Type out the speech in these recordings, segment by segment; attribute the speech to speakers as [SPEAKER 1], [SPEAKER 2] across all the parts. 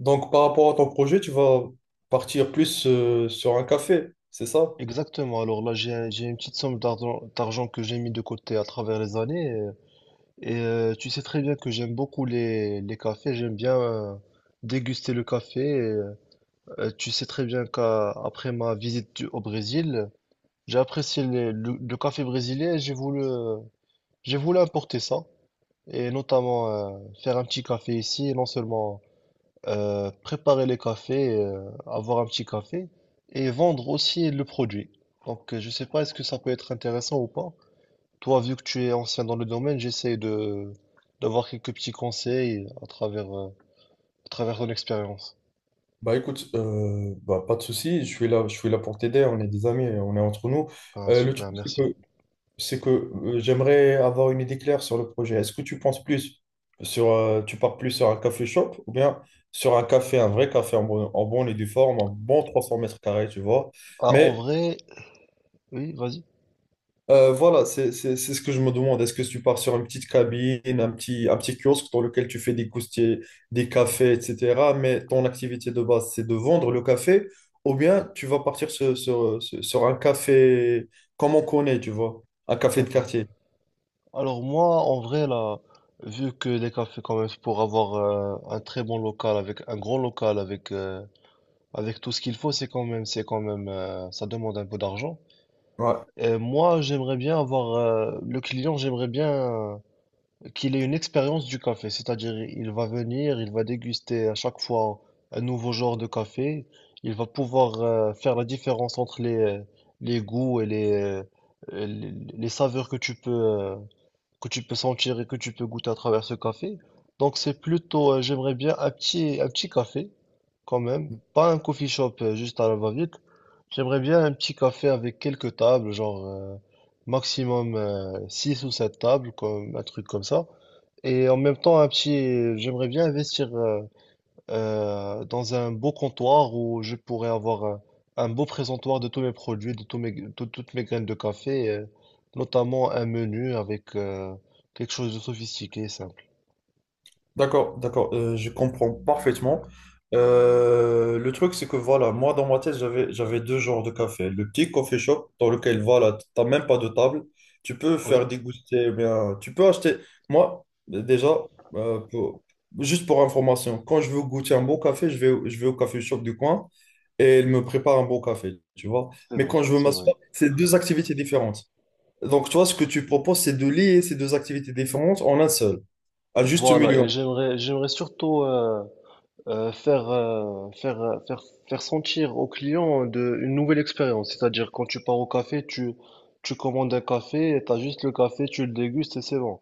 [SPEAKER 1] Donc, par rapport à ton projet, tu vas partir plus sur un café, c'est ça?
[SPEAKER 2] Exactement. Alors là, j'ai une petite somme d'argent que j'ai mis de côté à travers les années. Et tu sais très bien que j'aime beaucoup les cafés. J'aime bien déguster le café. Et tu sais très bien qu'après ma visite au Brésil, j'ai apprécié le café brésilien. Et j'ai voulu importer ça. Et notamment faire un petit café ici. Et non seulement préparer les cafés, avoir un petit café et vendre aussi le produit. Donc, je sais pas, est-ce que ça peut être intéressant ou pas? Toi, vu que tu es ancien dans le domaine, j'essaie de d'avoir quelques petits conseils à travers ton expérience.
[SPEAKER 1] Bah écoute, pas de souci, je suis là pour t'aider, on est des amis, on est entre nous.
[SPEAKER 2] Ah,
[SPEAKER 1] Le truc,
[SPEAKER 2] super,
[SPEAKER 1] c'est
[SPEAKER 2] merci.
[SPEAKER 1] que, j'aimerais avoir une idée claire sur le projet. Est-ce que tu penses plus sur, tu pars plus sur un café shop ou bien sur un café, un vrai café en bon et due forme, en bon 300 mètres carrés, tu vois,
[SPEAKER 2] Ah, en
[SPEAKER 1] mais
[SPEAKER 2] vrai, oui, vas-y,
[SPEAKER 1] voilà, c'est ce que je me demande. Est-ce que tu pars sur une petite cabine, un petit kiosque dans lequel tu fais des coustiers, des cafés, etc. Mais ton activité de base, c'est de vendre le café, ou bien tu vas partir sur un café comme on connaît, tu vois, un café de
[SPEAKER 2] d'accord.
[SPEAKER 1] quartier.
[SPEAKER 2] Alors moi, en vrai, là, vu que les cafés, quand même, pour avoir un très bon local, avec un grand local, avec tout ce qu'il faut, c'est quand même, ça demande un peu d'argent.
[SPEAKER 1] Ouais.
[SPEAKER 2] Moi, j'aimerais bien avoir, le client, j'aimerais bien qu'il ait une expérience du café, c'est-à-dire il va venir, il va déguster à chaque fois un nouveau genre de café, il va pouvoir faire la différence entre les goûts et les saveurs que tu peux sentir et que tu peux goûter à travers ce café. Donc c'est plutôt, j'aimerais bien un petit café quand même, pas un coffee shop juste à la va-vite. J'aimerais bien un petit café avec quelques tables, genre maximum 6 ou 7 tables, un truc comme ça. Et en même temps, j'aimerais bien investir dans un beau comptoir où je pourrais avoir un beau présentoir de tous mes produits, de toutes mes graines de café, notamment un menu avec quelque chose de sophistiqué et simple.
[SPEAKER 1] D'accord, d'accord, je comprends parfaitement. Le truc, c'est que voilà, moi dans ma tête, j'avais deux genres de café. Le petit coffee shop dans lequel voilà, t'as même pas de table, tu peux
[SPEAKER 2] Oui,
[SPEAKER 1] faire déguster, eh bien, tu peux acheter. Moi, déjà, euh, pour- juste pour information, quand je veux goûter un bon café, je vais au café shop du coin et il me prépare un bon café, tu vois.
[SPEAKER 2] c'est
[SPEAKER 1] Mais
[SPEAKER 2] vrai,
[SPEAKER 1] quand je veux
[SPEAKER 2] c'est vrai.
[SPEAKER 1] m'asseoir, c'est deux activités différentes. Donc, toi, ce que tu proposes, c'est de lier ces deux activités différentes en un seul, à juste
[SPEAKER 2] Voilà,
[SPEAKER 1] milieu.
[SPEAKER 2] et j'aimerais surtout euh, faire, euh, faire, euh, faire, faire sentir aux clients une nouvelle expérience. C'est-à-dire, quand tu pars au café, tu commandes un café, tu as juste le café, tu le dégustes et c'est bon.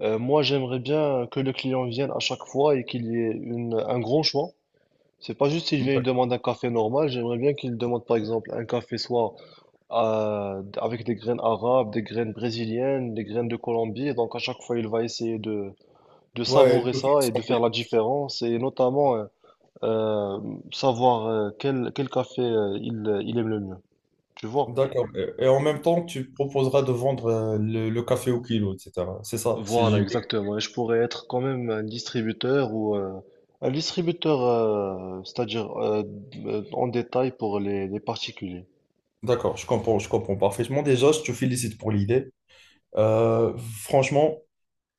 [SPEAKER 2] Moi, j'aimerais bien que le client vienne à chaque fois et qu'il y ait un grand choix. C'est pas juste s'il vient et demande un café normal, j'aimerais bien qu'il demande par exemple un café soit avec des graines arabes, des graines brésiliennes, des graines de Colombie. Et donc à chaque fois, il va essayer de
[SPEAKER 1] Ouais, le
[SPEAKER 2] savourer
[SPEAKER 1] café,
[SPEAKER 2] ça et
[SPEAKER 1] 100
[SPEAKER 2] de
[SPEAKER 1] 000.
[SPEAKER 2] faire la différence et notamment euh, savoir quel café il aime le mieux. Tu vois?
[SPEAKER 1] D'accord. Et en même temps, tu proposeras de vendre le café au kilo, etc. C'est ça, c'est
[SPEAKER 2] Voilà,
[SPEAKER 1] JB.
[SPEAKER 2] exactement. Et je pourrais être quand même un distributeur, c'est-à-dire en détail pour les particuliers.
[SPEAKER 1] D'accord, je comprends parfaitement. Déjà, je te félicite pour l'idée. Euh, franchement,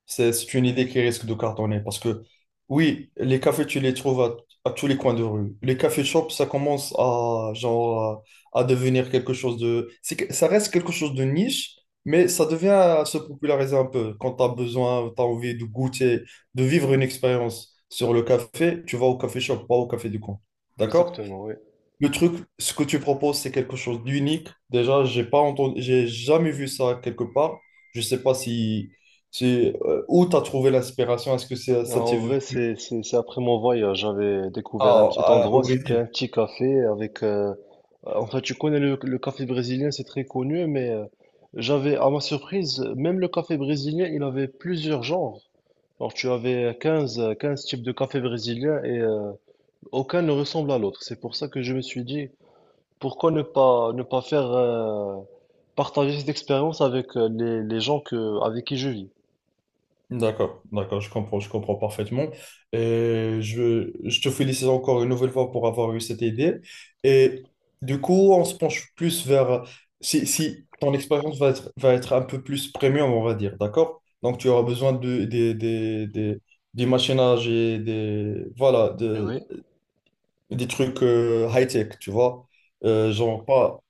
[SPEAKER 1] c'est une idée qui risque de cartonner parce que, oui, les cafés, tu les trouves à tous les coins de rue. Les cafés shops, ça commence à, genre, à devenir quelque chose de... ça reste quelque chose de niche, mais ça devient à se populariser un peu. Quand tu as besoin, tu as envie de goûter, de vivre une expérience sur le café, tu vas au café shop, pas au café du coin. D'accord?
[SPEAKER 2] Exactement, oui.
[SPEAKER 1] Le truc, ce que tu proposes, c'est quelque chose d'unique. Déjà, j'ai pas entendu, j'ai jamais vu ça quelque part. Je sais pas si, si où tu as trouvé l'inspiration. Est-ce que
[SPEAKER 2] Non,
[SPEAKER 1] ça t'est
[SPEAKER 2] en
[SPEAKER 1] vu
[SPEAKER 2] vrai, c'est après mon voyage, j'avais découvert un
[SPEAKER 1] à-
[SPEAKER 2] petit
[SPEAKER 1] au
[SPEAKER 2] endroit, c'était
[SPEAKER 1] Brésil?
[SPEAKER 2] un petit café. En fait, tu connais le café brésilien, c'est très connu, mais j'avais, à ma surprise, même le café brésilien, il avait plusieurs genres. Alors, tu avais 15 15 types de café brésilien. Aucun ne ressemble à l'autre. C'est pour ça que je me suis dit, pourquoi ne pas faire partager cette expérience avec les gens avec qui je vis.
[SPEAKER 1] D'accord, d'accord, je comprends parfaitement. Et je te félicite encore une nouvelle fois pour avoir eu cette idée. Et du coup, on se penche plus vers... Si ton expérience va être, un peu plus premium, on va dire, d'accord? Donc, tu auras besoin de, des machinages et des, voilà,
[SPEAKER 2] Eh oui,
[SPEAKER 1] des trucs high-tech, tu vois? Genre, pas...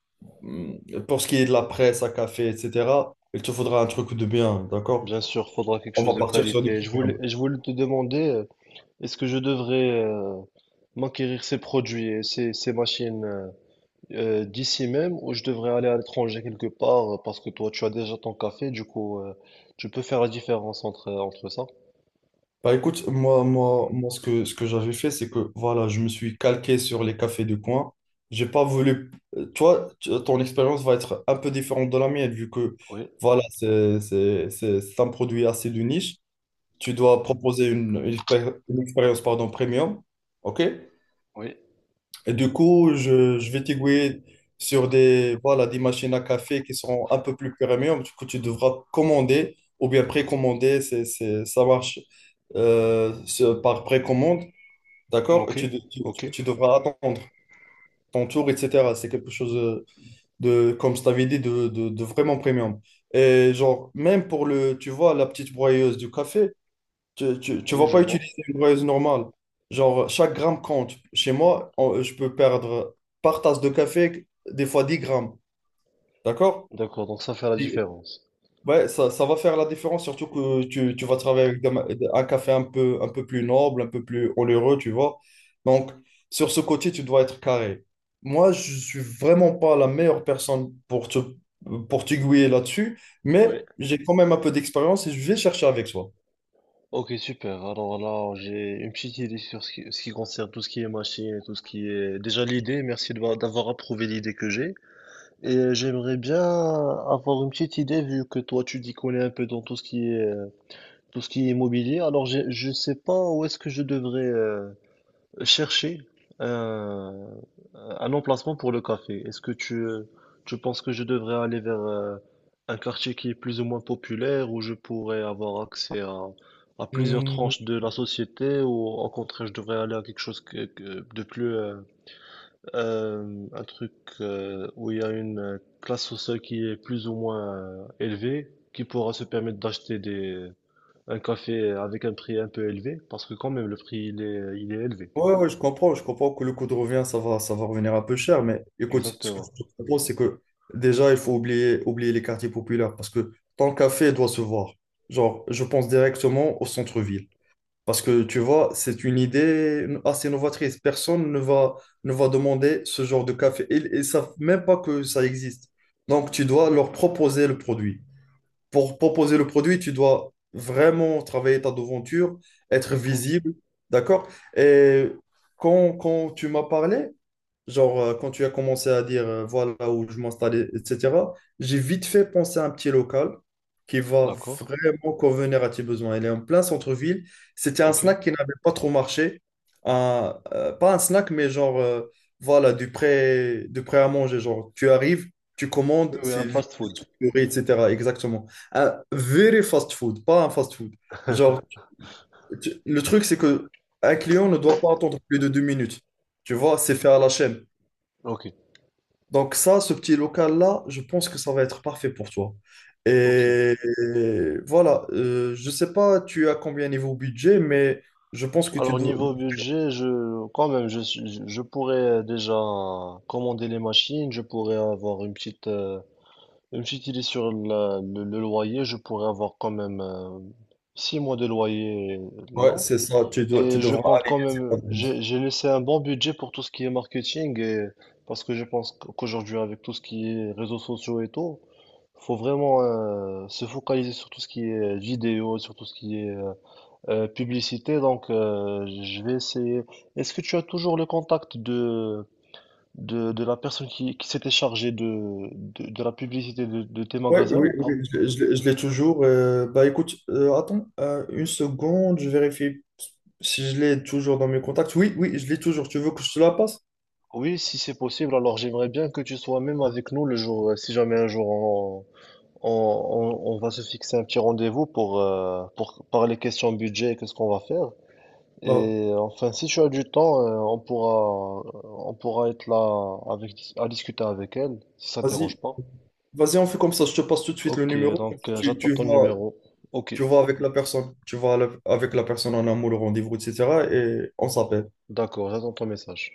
[SPEAKER 1] Pour ce qui est de la presse à café, etc., il te faudra un truc de bien, d'accord?
[SPEAKER 2] bien sûr, faudra quelque
[SPEAKER 1] On va
[SPEAKER 2] chose de
[SPEAKER 1] partir sur du
[SPEAKER 2] qualité. Je voulais,
[SPEAKER 1] premium.
[SPEAKER 2] je voulais te demander, est-ce que je devrais m'acquérir ces produits et ces machines d'ici même ou je devrais aller à l'étranger quelque part parce que toi, tu as déjà ton café, du coup, tu peux faire la différence entre ça.
[SPEAKER 1] Bah écoute, moi ce que, j'avais fait, c'est que voilà, je me suis calqué sur les cafés de coin. J'ai pas voulu. Toi, ton expérience va être un peu différente de la mienne, vu que
[SPEAKER 2] Oui,
[SPEAKER 1] voilà, c'est un produit assez de niche. Tu dois proposer une expérience pardon, premium. OK?
[SPEAKER 2] oui,
[SPEAKER 1] Et du coup, je vais t'aiguiller sur des, voilà, des machines à café qui sont un peu plus premium, que tu devras commander ou bien précommander. Ça marche par précommande. D'accord? Et
[SPEAKER 2] ok,
[SPEAKER 1] tu, de- tu,
[SPEAKER 2] ok,
[SPEAKER 1] tu- tu devras attendre ton tour, etc. C'est quelque chose de, comme je t'avais dit, de vraiment premium. Et genre, même pour le, tu vois, la petite broyeuse du café. Tu
[SPEAKER 2] oui,
[SPEAKER 1] vas
[SPEAKER 2] je
[SPEAKER 1] pas
[SPEAKER 2] vois.
[SPEAKER 1] utiliser une broyeuse normale. Genre, chaque gramme compte. Chez moi, je peux perdre par tasse de café, des fois 10 grammes. D'accord?
[SPEAKER 2] D'accord, donc ça fait la
[SPEAKER 1] Et-
[SPEAKER 2] différence.
[SPEAKER 1] Ouais, ça va faire la différence, surtout que tu vas travailler avec un café un peu plus noble, un peu plus onéreux, tu vois. Donc, sur ce côté, tu dois être carré. Moi, je suis vraiment pas la meilleure personne pour t'aiguiller là-dessus, mais
[SPEAKER 2] Oui.
[SPEAKER 1] j'ai quand même un peu d'expérience et je vais chercher avec toi.
[SPEAKER 2] Ok, super. Alors là, j'ai une petite idée sur ce qui concerne tout ce qui est machine, et tout ce qui est... Déjà l'idée, merci d'avoir approuvé l'idée que j'ai. Et j'aimerais bien avoir une petite idée, vu que toi, tu t'y connais un peu dans tout ce qui est, tout ce qui est immobilier. Alors, je ne sais pas où est-ce que je devrais chercher un, un emplacement pour le café. Est-ce que tu penses que je devrais aller vers un quartier qui est plus ou moins populaire, où je pourrais avoir accès à plusieurs tranches de la société, ou au contraire, je devrais aller à quelque chose de plus, un truc où il y a une classe sociale qui est plus ou moins élevée, qui pourra se permettre un café avec un prix un peu élevé, parce que quand même, le prix, il est élevé.
[SPEAKER 1] Ouais, ouais, je, comprends, je comprends que le coût de revient, ça va revenir un peu cher, mais écoute, ce que
[SPEAKER 2] Exactement.
[SPEAKER 1] je te propose, c'est que déjà, il faut oublier les quartiers populaires, parce que ton café doit se voir. Genre, je pense directement au centre-ville, parce que tu vois, c'est une idée assez novatrice. Personne ne va demander ce genre de café, et ils ne savent même pas que ça existe. Donc, tu dois leur proposer le produit pour proposer le produit, tu dois vraiment travailler ta devanture, être
[SPEAKER 2] D'accord,
[SPEAKER 1] visible, d'accord? Et quand tu m'as parlé, genre, quand tu as commencé à dire voilà où je m'installais, etc., j'ai vite fait penser à un petit local qui va
[SPEAKER 2] d'accord,
[SPEAKER 1] vraiment convenir à tes besoins. Il est en plein centre-ville. C'était un
[SPEAKER 2] ok. Oui,
[SPEAKER 1] snack qui n'avait pas trop marché. Pas un snack, mais genre, voilà, du prêt à manger. Genre, tu arrives, tu commandes,
[SPEAKER 2] oui,
[SPEAKER 1] c'est
[SPEAKER 2] un
[SPEAKER 1] vite
[SPEAKER 2] fast-food.
[SPEAKER 1] structuré, etc. Exactement. Un very fast food, pas un fast food. Genre, le truc, c'est que un client ne doit pas attendre plus de 2 minutes. Tu vois, c'est fait à la chaîne.
[SPEAKER 2] Ok,
[SPEAKER 1] Donc ça, ce petit local-là, je pense que ça va être parfait pour toi.
[SPEAKER 2] ok.
[SPEAKER 1] Et, voilà, je sais pas tu as combien niveau budget, mais je pense que tu
[SPEAKER 2] Alors
[SPEAKER 1] dois...
[SPEAKER 2] niveau budget, je quand même, je, suis- je pourrais déjà commander les machines, je pourrais avoir une petite idée sur le loyer, je pourrais avoir quand même 6 mois de loyer
[SPEAKER 1] Ouais,
[SPEAKER 2] là.
[SPEAKER 1] c'est ça, tu
[SPEAKER 2] Et je
[SPEAKER 1] devras
[SPEAKER 2] compte
[SPEAKER 1] aller.
[SPEAKER 2] quand même, j'ai laissé un bon budget pour tout ce qui est marketing et parce que je pense qu'aujourd'hui avec tout ce qui est réseaux sociaux et tout, faut vraiment se focaliser sur tout ce qui est vidéo, sur tout ce qui est publicité. Donc je vais essayer. Est-ce que tu as toujours le contact de la personne qui s'était chargée de la publicité de tes
[SPEAKER 1] Oui,
[SPEAKER 2] magasins
[SPEAKER 1] oui,
[SPEAKER 2] ou
[SPEAKER 1] oui,
[SPEAKER 2] pas?
[SPEAKER 1] je l'ai toujours. Bah écoute, attends une seconde, je vérifie si je l'ai toujours dans mes contacts. Oui, oui, je l'ai toujours. Tu veux que je te la passe?
[SPEAKER 2] Oui, si c'est possible, alors j'aimerais bien que tu sois même avec nous le jour, si jamais un jour on va se fixer un petit rendez-vous pour parler questions budget et qu'est-ce qu'on va faire.
[SPEAKER 1] Bah,
[SPEAKER 2] Enfin, si tu as du temps, on pourra être là avec, à discuter avec elle, si ça ne dérange
[SPEAKER 1] vas-y,
[SPEAKER 2] pas.
[SPEAKER 1] vas-y, on fait comme ça. Je te passe tout de suite le
[SPEAKER 2] Ok,
[SPEAKER 1] numéro. comme
[SPEAKER 2] donc
[SPEAKER 1] ça, tu,
[SPEAKER 2] j'attends
[SPEAKER 1] tu
[SPEAKER 2] ton
[SPEAKER 1] vois,
[SPEAKER 2] numéro. Ok,
[SPEAKER 1] tu vas avec la personne, tu vas avec la personne en amour, le rendez-vous, etc. Et on s'appelle.
[SPEAKER 2] d'accord, j'attends ton message.